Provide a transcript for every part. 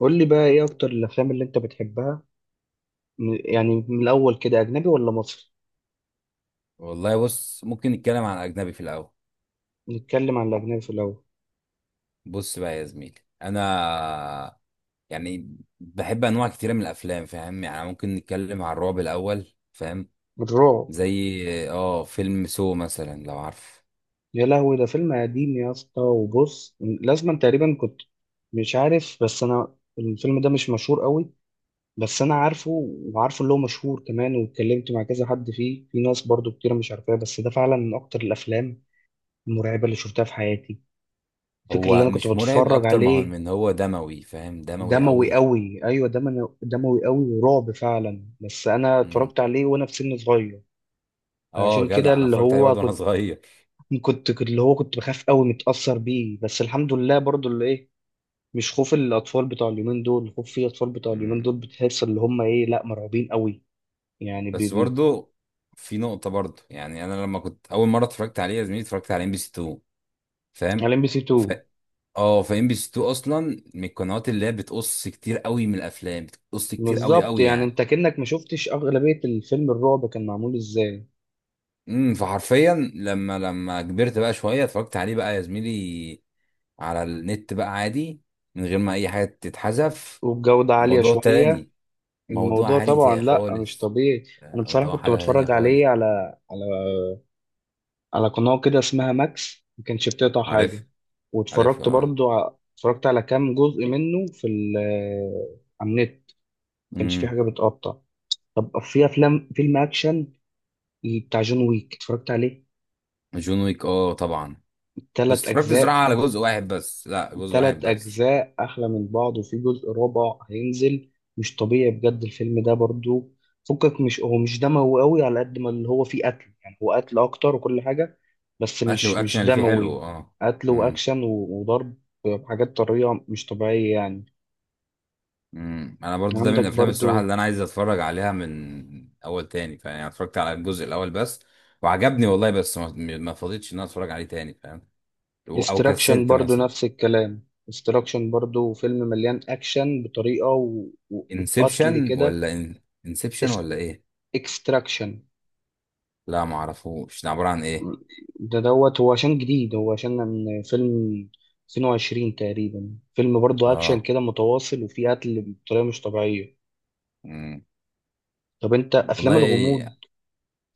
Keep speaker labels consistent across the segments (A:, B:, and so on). A: قول لي بقى ايه اكتر الافلام اللي انت بتحبها؟ يعني من الاول كده اجنبي ولا مصري؟
B: والله بص، ممكن نتكلم عن اجنبي في الاول.
A: نتكلم عن الاجنبي في الاول.
B: بص بقى يا زميلي، انا يعني بحب انواع كتيره من الافلام. فاهم؟ يعني ممكن نتكلم عن الرعب الاول. فاهم؟
A: الرعب؟
B: زي اه فيلم سو مثلا، لو عارف.
A: يا لهوي ده فيلم قديم يا اسطى، وبص لازما تقريبا كنت مش عارف، بس انا الفيلم ده مش مشهور قوي، بس انا عارفه، وعارفه اللي هو مشهور كمان، واتكلمت مع كذا حد فيه، في ناس برضو كتير مش عارفاه، بس ده فعلا من اكتر الافلام المرعبه اللي شفتها في حياتي. فكرة اللي
B: هو
A: انا كنت
B: مش مرعب
A: بتفرج
B: اكتر ما هو،
A: عليه،
B: من هو دموي. فاهم؟ دموي
A: دموي
B: قوي.
A: قوي، ايوه دموي قوي ورعب فعلا، بس انا
B: امم
A: اتفرجت عليه وانا في سن صغير.
B: اه
A: فعشان كده
B: جدع، انا
A: اللي
B: اتفرجت عليه
A: هو
B: برضه وانا صغير.
A: اللي هو كنت بخاف قوي، متأثر بيه، بس الحمد لله برضو اللي ايه، مش خوف الاطفال بتوع اليومين دول. خوف في اطفال بتوع اليومين دول
B: امم
A: بتحس اللي هم ايه، لا مرعوبين قوي. يعني بي
B: بس
A: بي
B: برضه، في نقطه برضه. يعني انا لما كنت اول مره اتفرجت عليه يا زميلي، اتفرجت على MBC 2، فاهم.
A: على ام بي سي
B: ف...
A: 2.
B: اه فام بي سي 2 اصلا من القنوات اللي هي بتقص كتير قوي من الافلام، بتقص كتير قوي
A: بالظبط،
B: قوي
A: يعني
B: يعني.
A: انت كأنك ما شفتش اغلبية الفيلم الرعب كان معمول ازاي.
B: فحرفيا لما كبرت بقى شويه، اتفرجت عليه بقى يا زميلي على النت بقى عادي، من غير ما اي حاجه تتحذف.
A: والجودة عالية
B: موضوع
A: شوية.
B: تاني،
A: الموضوع طبعا لا، مش
B: خالص.
A: طبيعي. انا بصراحة
B: موضوع
A: كنت
B: حاجه تانية
A: بتفرج
B: خالص.
A: عليه على على قناة كده اسمها ماكس، ما كانش بتقطع
B: عارف.
A: حاجة.
B: عارف
A: واتفرجت
B: اه.
A: برضو اتفرجت على كام جزء منه في ال آه، على النت، ما كانش في
B: امم.
A: حاجة بتقطع. طب في أفلام، فيلم أكشن بتاع جون ويك اتفرجت عليه.
B: جون ويك، اه طبعا. بس
A: تلات
B: اتفرجت
A: أجزاء،
B: زراعه على جزء واحد بس. لا، جزء واحد
A: تلات
B: بس.
A: أجزاء أحلى من بعض، وفي جزء رابع هينزل. مش طبيعي بجد الفيلم ده برضو. فكك، مش هو مش دموي قوي، على قد ما اللي هو فيه قتل، يعني هو قتل أكتر وكل حاجة، بس
B: قتل،
A: مش
B: والاكشن
A: مش
B: اللي فيه حلو،
A: دموي.
B: اه.
A: قتل
B: إمم.
A: وأكشن و- وضرب بحاجات طرية مش طبيعية يعني.
B: امم، انا برضو ده من
A: عندك
B: الافلام الصراحه
A: برضو
B: اللي انا عايز اتفرج عليها من اول تاني. فاهم؟ يعني اتفرجت على الجزء الاول بس وعجبني والله، بس ما فضيتش ان انا اتفرج عليه تاني. فاهم؟ او أو
A: استراكشن،
B: كسلت
A: برضو
B: مثلا.
A: نفس الكلام، استراكشن برضو فيلم مليان أكشن بطريقة وقتل كده.
B: انسبشن ولا ايه؟
A: اكستراكشن
B: لا، ما اعرفوش ده عباره عن ايه.
A: ده دوت، هو عشان جديد، هو عشان من فيلم 22 تقريبا، فيلم برضه أكشن
B: اه.
A: كده متواصل، وفيه قتل بطريقة مش طبيعية.
B: امم.
A: طب أنت أفلام الغموض،
B: والله.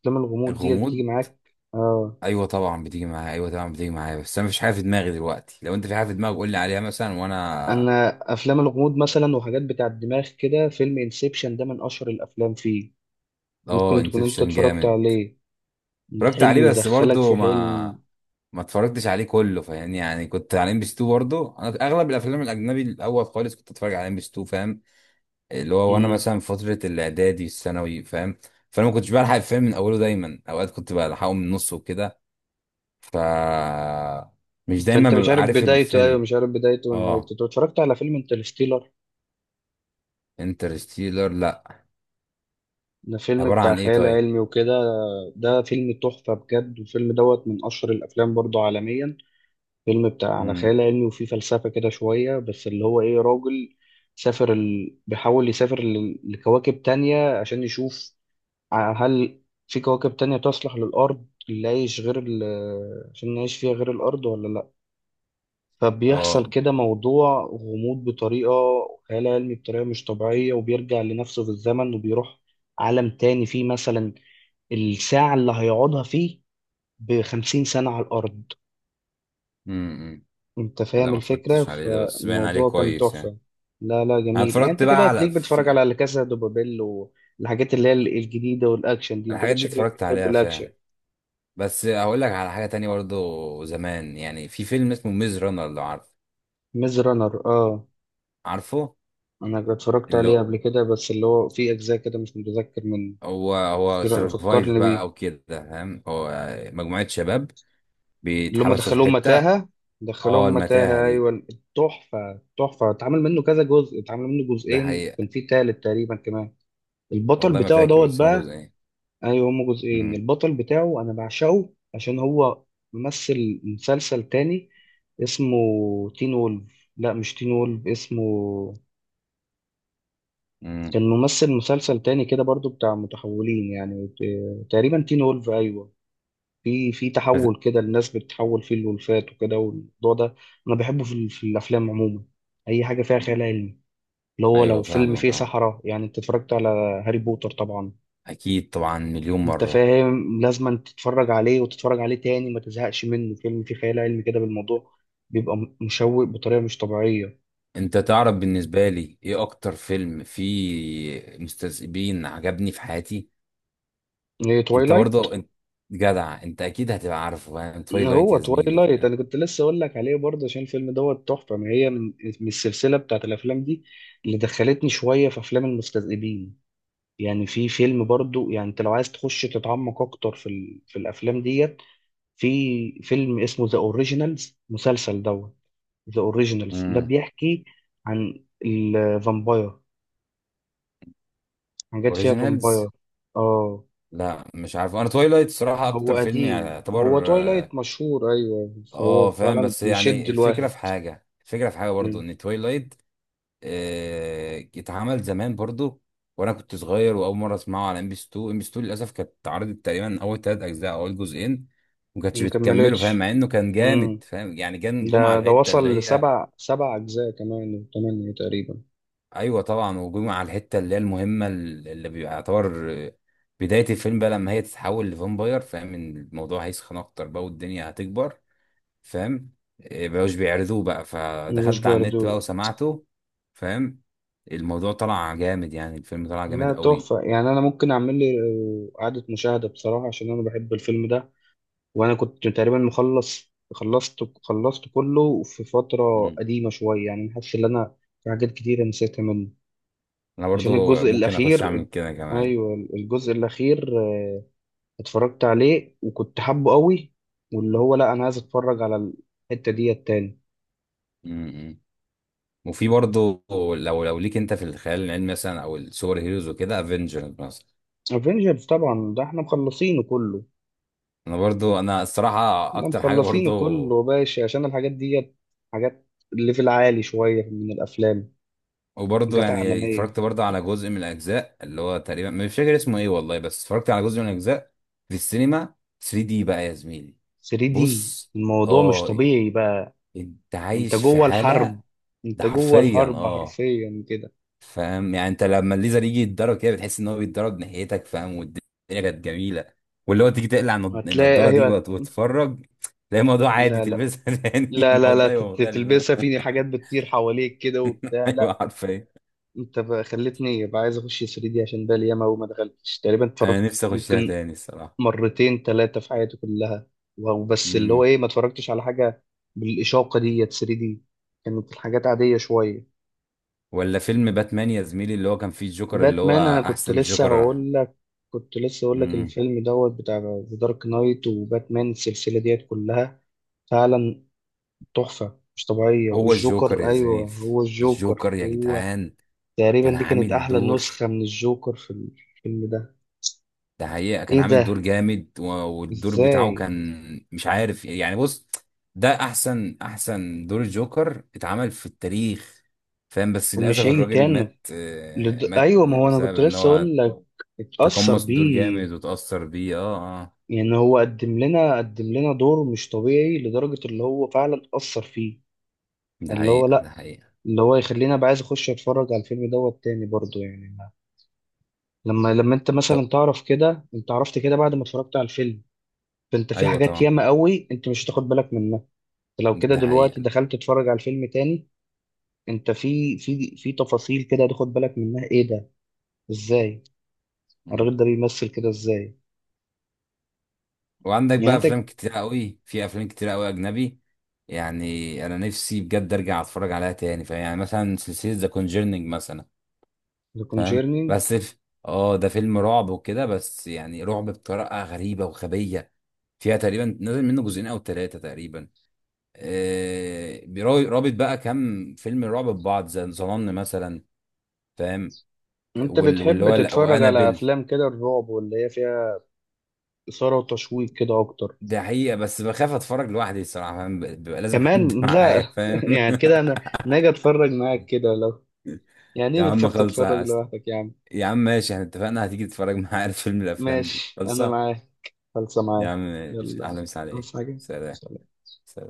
A: أفلام الغموض ديت بتيجي
B: الغموض؟
A: معاك؟ آه.
B: ايوه طبعا بتيجي معايا، ايوه طبعا بتيجي معايا، بس انا مفيش حاجه في دماغي دلوقتي. لو انت في حاجه في دماغك قول لي عليها مثلا، وانا...
A: أنا أفلام الغموض مثلا وحاجات بتاع الدماغ كده، فيلم انسبشن ده من أشهر الأفلام فيه.
B: اه
A: ممكن تكون أنت
B: انسبشن
A: اتفرجت
B: جامد.
A: عليه.
B: اتفرجت
A: حلم
B: عليه بس
A: يدخلك
B: برضو
A: في
B: ما
A: حلم.
B: ما اتفرجتش عليه كله. فاهمني؟ يعني كنت على ام بي 2 برضه. انا اغلب الافلام الاجنبي الاول خالص كنت اتفرج على ام بي 2. فاهم؟ اللي هو وانا
A: مم.
B: مثلا في فتره الاعدادي الثانوي. فاهم؟ فانا ما كنتش بلحق الفيلم من اوله دايما، اوقات كنت بلحقه من نصه وكده، ف مش دايما
A: فأنت مش
B: ببقى
A: عارف
B: عارف
A: بدايته، أيوه
B: الفيلم.
A: مش عارف بدايته
B: اه.
A: ونهايته. طب اتفرجت على فيلم انترستيلر؟
B: انترستيلر، لا.
A: ده فيلم
B: عباره
A: بتاع
B: عن ايه
A: خيال
B: طيب؟
A: علمي وكده. ده فيلم تحفة بجد، والفيلم دوت من أشهر الأفلام برضو عالميا. فيلم بتاع على
B: امم.
A: خيال علمي، وفيه فلسفة كده شوية، بس اللي هو إيه، راجل سافر ال... بيحاول يسافر ل... لكواكب تانية عشان يشوف هل في كواكب تانية تصلح للأرض اللي عايش غير ال... عشان نعيش فيها غير الأرض ولا لأ. فبيحصل
B: اه.
A: كده موضوع غموض بطريقة خيال علمي بطريقة مش طبيعية، وبيرجع لنفسه في الزمن، وبيروح عالم تاني فيه مثلا الساعة اللي هيقعدها فيه بخمسين سنة على الأرض.
B: امم.
A: أنت
B: لا
A: فاهم
B: ما
A: الفكرة،
B: اتفرجتش عليه ده، بس باين عليه
A: فالموضوع كان
B: كويس يعني.
A: تحفة. لا لا،
B: انا
A: جميل. يعني
B: اتفرجت
A: أنت كده
B: بقى على
A: هتلاقيك بتتفرج
B: في
A: على لا كاسا دو بابيل والحاجات اللي هي الجديدة والأكشن دي، أنت كده
B: الحاجات دي
A: شكلك
B: اتفرجت
A: بتحب
B: عليها
A: الأكشن.
B: فعلا. بس هقول لك على حاجة تانية برضو زمان، يعني في فيلم اسمه ميز رانر لو عارف.
A: ميز رانر، أه.
B: عارفه.
A: أنا اتفرجت
B: اللي
A: عليه قبل كده، بس اللي هو في أجزاء كده مش متذكر من.
B: هو هو سرفايف
A: فكرني
B: بقى
A: بيه.
B: او كده، فاهم. هو مجموعة شباب
A: اللي هم
B: بيتحبسوا في
A: دخلوهم
B: حتة.
A: متاهة.
B: اه،
A: دخلوهم
B: المتاهة
A: متاهة
B: دي.
A: أيوة. تحفة، تحفة. اتعمل منه كذا جزء، اتعمل منه
B: ده
A: جزئين،
B: حقيقة.
A: كان في تالت تقريبا كمان. البطل
B: والله ما
A: بتاعه
B: فاكر،
A: دوت
B: بس هما
A: بقى.
B: جزئين.
A: ايوه هما جزئين.
B: امم.
A: البطل بتاعه انا بعشقه عشان هو ممثل مسلسل تاني اسمه تين وولف. لا، مش تين وولف اسمه،
B: امم.
A: كان ممثل مسلسل تاني كده برضو بتاع متحولين، يعني تقريبا تين وولف، ايوه. في
B: بس-
A: تحول كده، الناس بتتحول فيه الولفات وكده والموضوع ده. انا بحبه في، في الافلام عموما. اي حاجه فيها خيال علمي، اللي هو لو
B: ايوه
A: فيلم
B: فاهمك
A: فيه
B: اه.
A: سحرة. يعني انت اتفرجت على هاري بوتر طبعا.
B: اكيد طبعا، مليون
A: انت
B: مرة
A: فاهم لازم تتفرج عليه وتتفرج عليه تاني، ما تزهقش منه. فيلم فيه خيال علمي كده بالموضوع بيبقى مشوق بطريقه مش طبيعيه.
B: انت تعرف بالنسبة لي ايه اكتر فيلم فيه مستذئبين عجبني في حياتي؟
A: ايه،
B: انت
A: تويلايت؟
B: برضه انت جدع، انت اكيد هتبقى عارفه، فاهم؟ تويلايت
A: هو
B: يا زميلي.
A: تويلايت انا كنت لسه اقول لك عليه برضه، عشان الفيلم دوت تحفه، ما هي من من السلسله بتاعت الافلام دي، اللي دخلتني شويه في افلام المستذئبين. يعني في فيلم برضه، يعني انت لو عايز تخش تتعمق اكتر في ال... في الافلام ديت، في فيلم اسمه ذا اوريجينالز، مسلسل دوت. ذا اوريجينالز ده
B: امم.
A: بيحكي عن الفامباير، حاجات فيها
B: اوريجينالز،
A: فامباير. اه،
B: لا مش عارف. انا تويلايت صراحة
A: هو
B: اكتر فيلم يعني
A: قديم، هو
B: يعتبر،
A: تويلايت
B: اه.
A: مشهور، ايوه، فهو
B: فاهم،
A: فعلا
B: بس
A: بيشد
B: يعني الفكرة
A: الواحد.
B: في حاجة، الفكرة في حاجة برضو
A: مم.
B: ان تويلايت اتعمل زمان برضو وانا كنت صغير. واول مرة اسمعه على ام بي 2. ام بي 2 للاسف كانت اتعرضت تقريبا اول ثلاث اجزاء او اول جزئين، ما كانتش بتكمله. فاهم؟
A: مكملتش.
B: مع انه كان
A: مم.
B: جامد. فاهم يعني، كان جمعة
A: ده
B: الحتة اللي
A: وصل
B: هي.
A: لسبع، سبع اجزاء كمان وثمانية تقريبا.
B: ايوه طبعا، وجمع على الحته اللي هي المهمه، اللي بيبقى يعتبر بدايه الفيلم بقى، لما هي تتحول لفامباير. فاهم ان الموضوع هيسخن اكتر بقى والدنيا هتكبر. فاهم؟ بقوش بيعرضوه بقى،
A: مش
B: فدخلت على النت بقى
A: بيردو.
B: وسمعته. فاهم؟ الموضوع طلع جامد، يعني الفيلم طلع جامد
A: لا
B: قوي.
A: تحفة، يعني أنا ممكن أعمل لي إعادة مشاهدة بصراحة، عشان أنا بحب الفيلم ده. وانا كنت تقريبا مخلص، خلصت كله في فترة
B: مم.
A: قديمة شوية، يعني حاسس ان انا في حاجات كتيرة نسيتها منه.
B: انا
A: عشان
B: برضو
A: الجزء
B: ممكن اخش اعمل
A: الاخير.
B: كده كمان.
A: ايوه الجزء الاخير اتفرجت عليه وكنت حابه قوي، واللي هو لا انا عايز اتفرج على الحتة دي التاني.
B: م-م. وفي برضو، لو ليك انت في الخيال العلمي مثلا او السوبر هيروز وكده، افنجرز مثلا.
A: افنجرز طبعا، ده احنا مخلصينه كله.
B: انا برضو انا الصراحه
A: احنا
B: اكتر حاجه
A: مخلصينه
B: برضو.
A: كله يا باشا، عشان الحاجات دي حاجات ليفل عالي شوية من الافلام،
B: وبرضه
A: حاجات
B: يعني
A: عالمية.
B: اتفرجت برضه على جزء من الاجزاء اللي هو، تقريبا مش فاكر اسمه ايه والله، بس اتفرجت على جزء من الاجزاء في السينما 3D بقى يا زميلي.
A: 3 دي
B: بص،
A: الموضوع مش
B: اه،
A: طبيعي بقى.
B: انت
A: انت
B: عايش في
A: جوه
B: حاله.
A: الحرب،
B: ده
A: انت جوه
B: حرفيا
A: الحرب
B: اه.
A: حرفيا كده.
B: فاهم يعني، انت لما الليزر يجي يتضرب كده، بتحس ان هو بيتضرب ناحيتك. فاهم؟ والدنيا كانت جميله. واللي هو تيجي تقلع
A: هتلاقي
B: النضاره دي
A: ايوه،
B: وتتفرج، تلاقي الموضوع عادي.
A: لا لا،
B: تلبسها تاني
A: لا لا لا،
B: الموضوع يبقى مختلف.
A: تلبسها في حاجات بتطير حواليك كده وبتاع،
B: ايوه
A: لا.
B: حرفيا.
A: انت بقى خلتني بقى عايز اخش 3 دي، عشان بقى ياما وما دخلتش، تقريبا
B: انا
A: اتفرجت
B: نفسي اخشها
A: ممكن
B: تاني الصراحه.
A: مرتين ثلاثه في حياتي كلها وبس، اللي هو ايه ما اتفرجتش على حاجه بالاشاقه ديت 3 دي، كانت الحاجات عاديه شويه.
B: ولا فيلم باتمان يا زميلي، اللي هو كان فيه الجوكر، اللي هو
A: باتمان، انا كنت
B: احسن
A: لسه
B: جوكر.
A: هقول لك، كنت لسه هقول لك
B: امم.
A: الفيلم دوت بتاع ذا دارك نايت، وباتمان السلسله ديت كلها فعلا تحفه مش طبيعيه.
B: هو الجوكر
A: والجوكر،
B: يا
A: ايوه
B: زميلي،
A: هو الجوكر
B: الجوكر يا
A: هو،
B: جدعان. كان
A: تقريبا دي كانت
B: عامل
A: احلى
B: دور.
A: نسخه من الجوكر في الفيلم ده.
B: ده حقيقة، كان
A: ايه
B: عامل دور
A: ده؟
B: جامد. والدور بتاعه
A: ازاي؟
B: كان مش عارف يعني. بص، ده احسن، دور الجوكر اتعمل في التاريخ. فاهم؟ بس للاسف
A: ومش هيجي
B: الراجل
A: تاني.
B: مات.
A: لد...
B: مات
A: ايوه ما هو انا
B: بسبب
A: كنت
B: ان
A: لسه
B: هو
A: اقول لك اتأثر
B: تقمص الدور
A: بيه.
B: جامد وتأثر بيه اه. اه.
A: يعني هو قدم لنا دور مش طبيعي لدرجة اللي هو فعلا أثر فيه،
B: ده
A: اللي هو
B: حقيقة،
A: لا،
B: ده حقيقة.
A: اللي هو يخليني ابقى عايز اخش اتفرج على الفيلم دوت تاني برضو، يعني ما-، لما انت
B: طب،
A: مثلا تعرف كده، انت عرفت كده بعد ما اتفرجت على الفيلم، فانت في
B: ايوه
A: حاجات
B: طبعا،
A: ياما قوي انت مش هتاخد بالك منها. لو كده
B: ده
A: دلوقتي
B: حقيقة.
A: دخلت تتفرج على الفيلم تاني، انت في تفاصيل كده هتاخد بالك منها. ايه ده؟ ازاي؟ الراجل ده بيمثل كده ازاي؟
B: وعندك
A: يعني
B: بقى
A: انت،
B: افلام كتير قوي، في افلام كتير قوي اجنبي، يعني انا نفسي بجد ارجع اتفرج عليها تاني. فاهم؟ يعني مثلا سلسله ذا كونجرنينج مثلا.
A: ذا
B: فاهم؟
A: كونجيرنينج،
B: اه ده فيلم رعب وكده، بس يعني رعب بطريقه غريبه وغبيه. فيها تقريبا نازل منه جزئين او ثلاثه تقريبا. رابط بقى كام فيلم رعب ببعض زي ظنن مثلا. فاهم؟
A: انت بتحب تتفرج على
B: وانابل.
A: افلام كده الرعب واللي هي فيها اثاره وتشويق كده اكتر؟
B: ده حقيقة، بس بخاف اتفرج لوحدي الصراحة. فاهم؟ بيبقى لازم حد
A: كمان لا.
B: معايا، فاهم؟
A: يعني كده انا ناجي اتفرج معاك كده لو، يعني ايه
B: يا عم
A: بتخاف تتفرج
B: خلصة.
A: لوحدك يا عم؟
B: يا عم ماشي، احنا اتفقنا هتيجي تتفرج معايا على فيلم من الافلام دي.
A: ماشي انا
B: خلصة
A: معاك، خلصة
B: يا
A: معاك.
B: عم، ماشي،
A: يلا،
B: اهلا وسهلا عليك.
A: عاوز
B: سلام.
A: حاجة؟
B: سلام.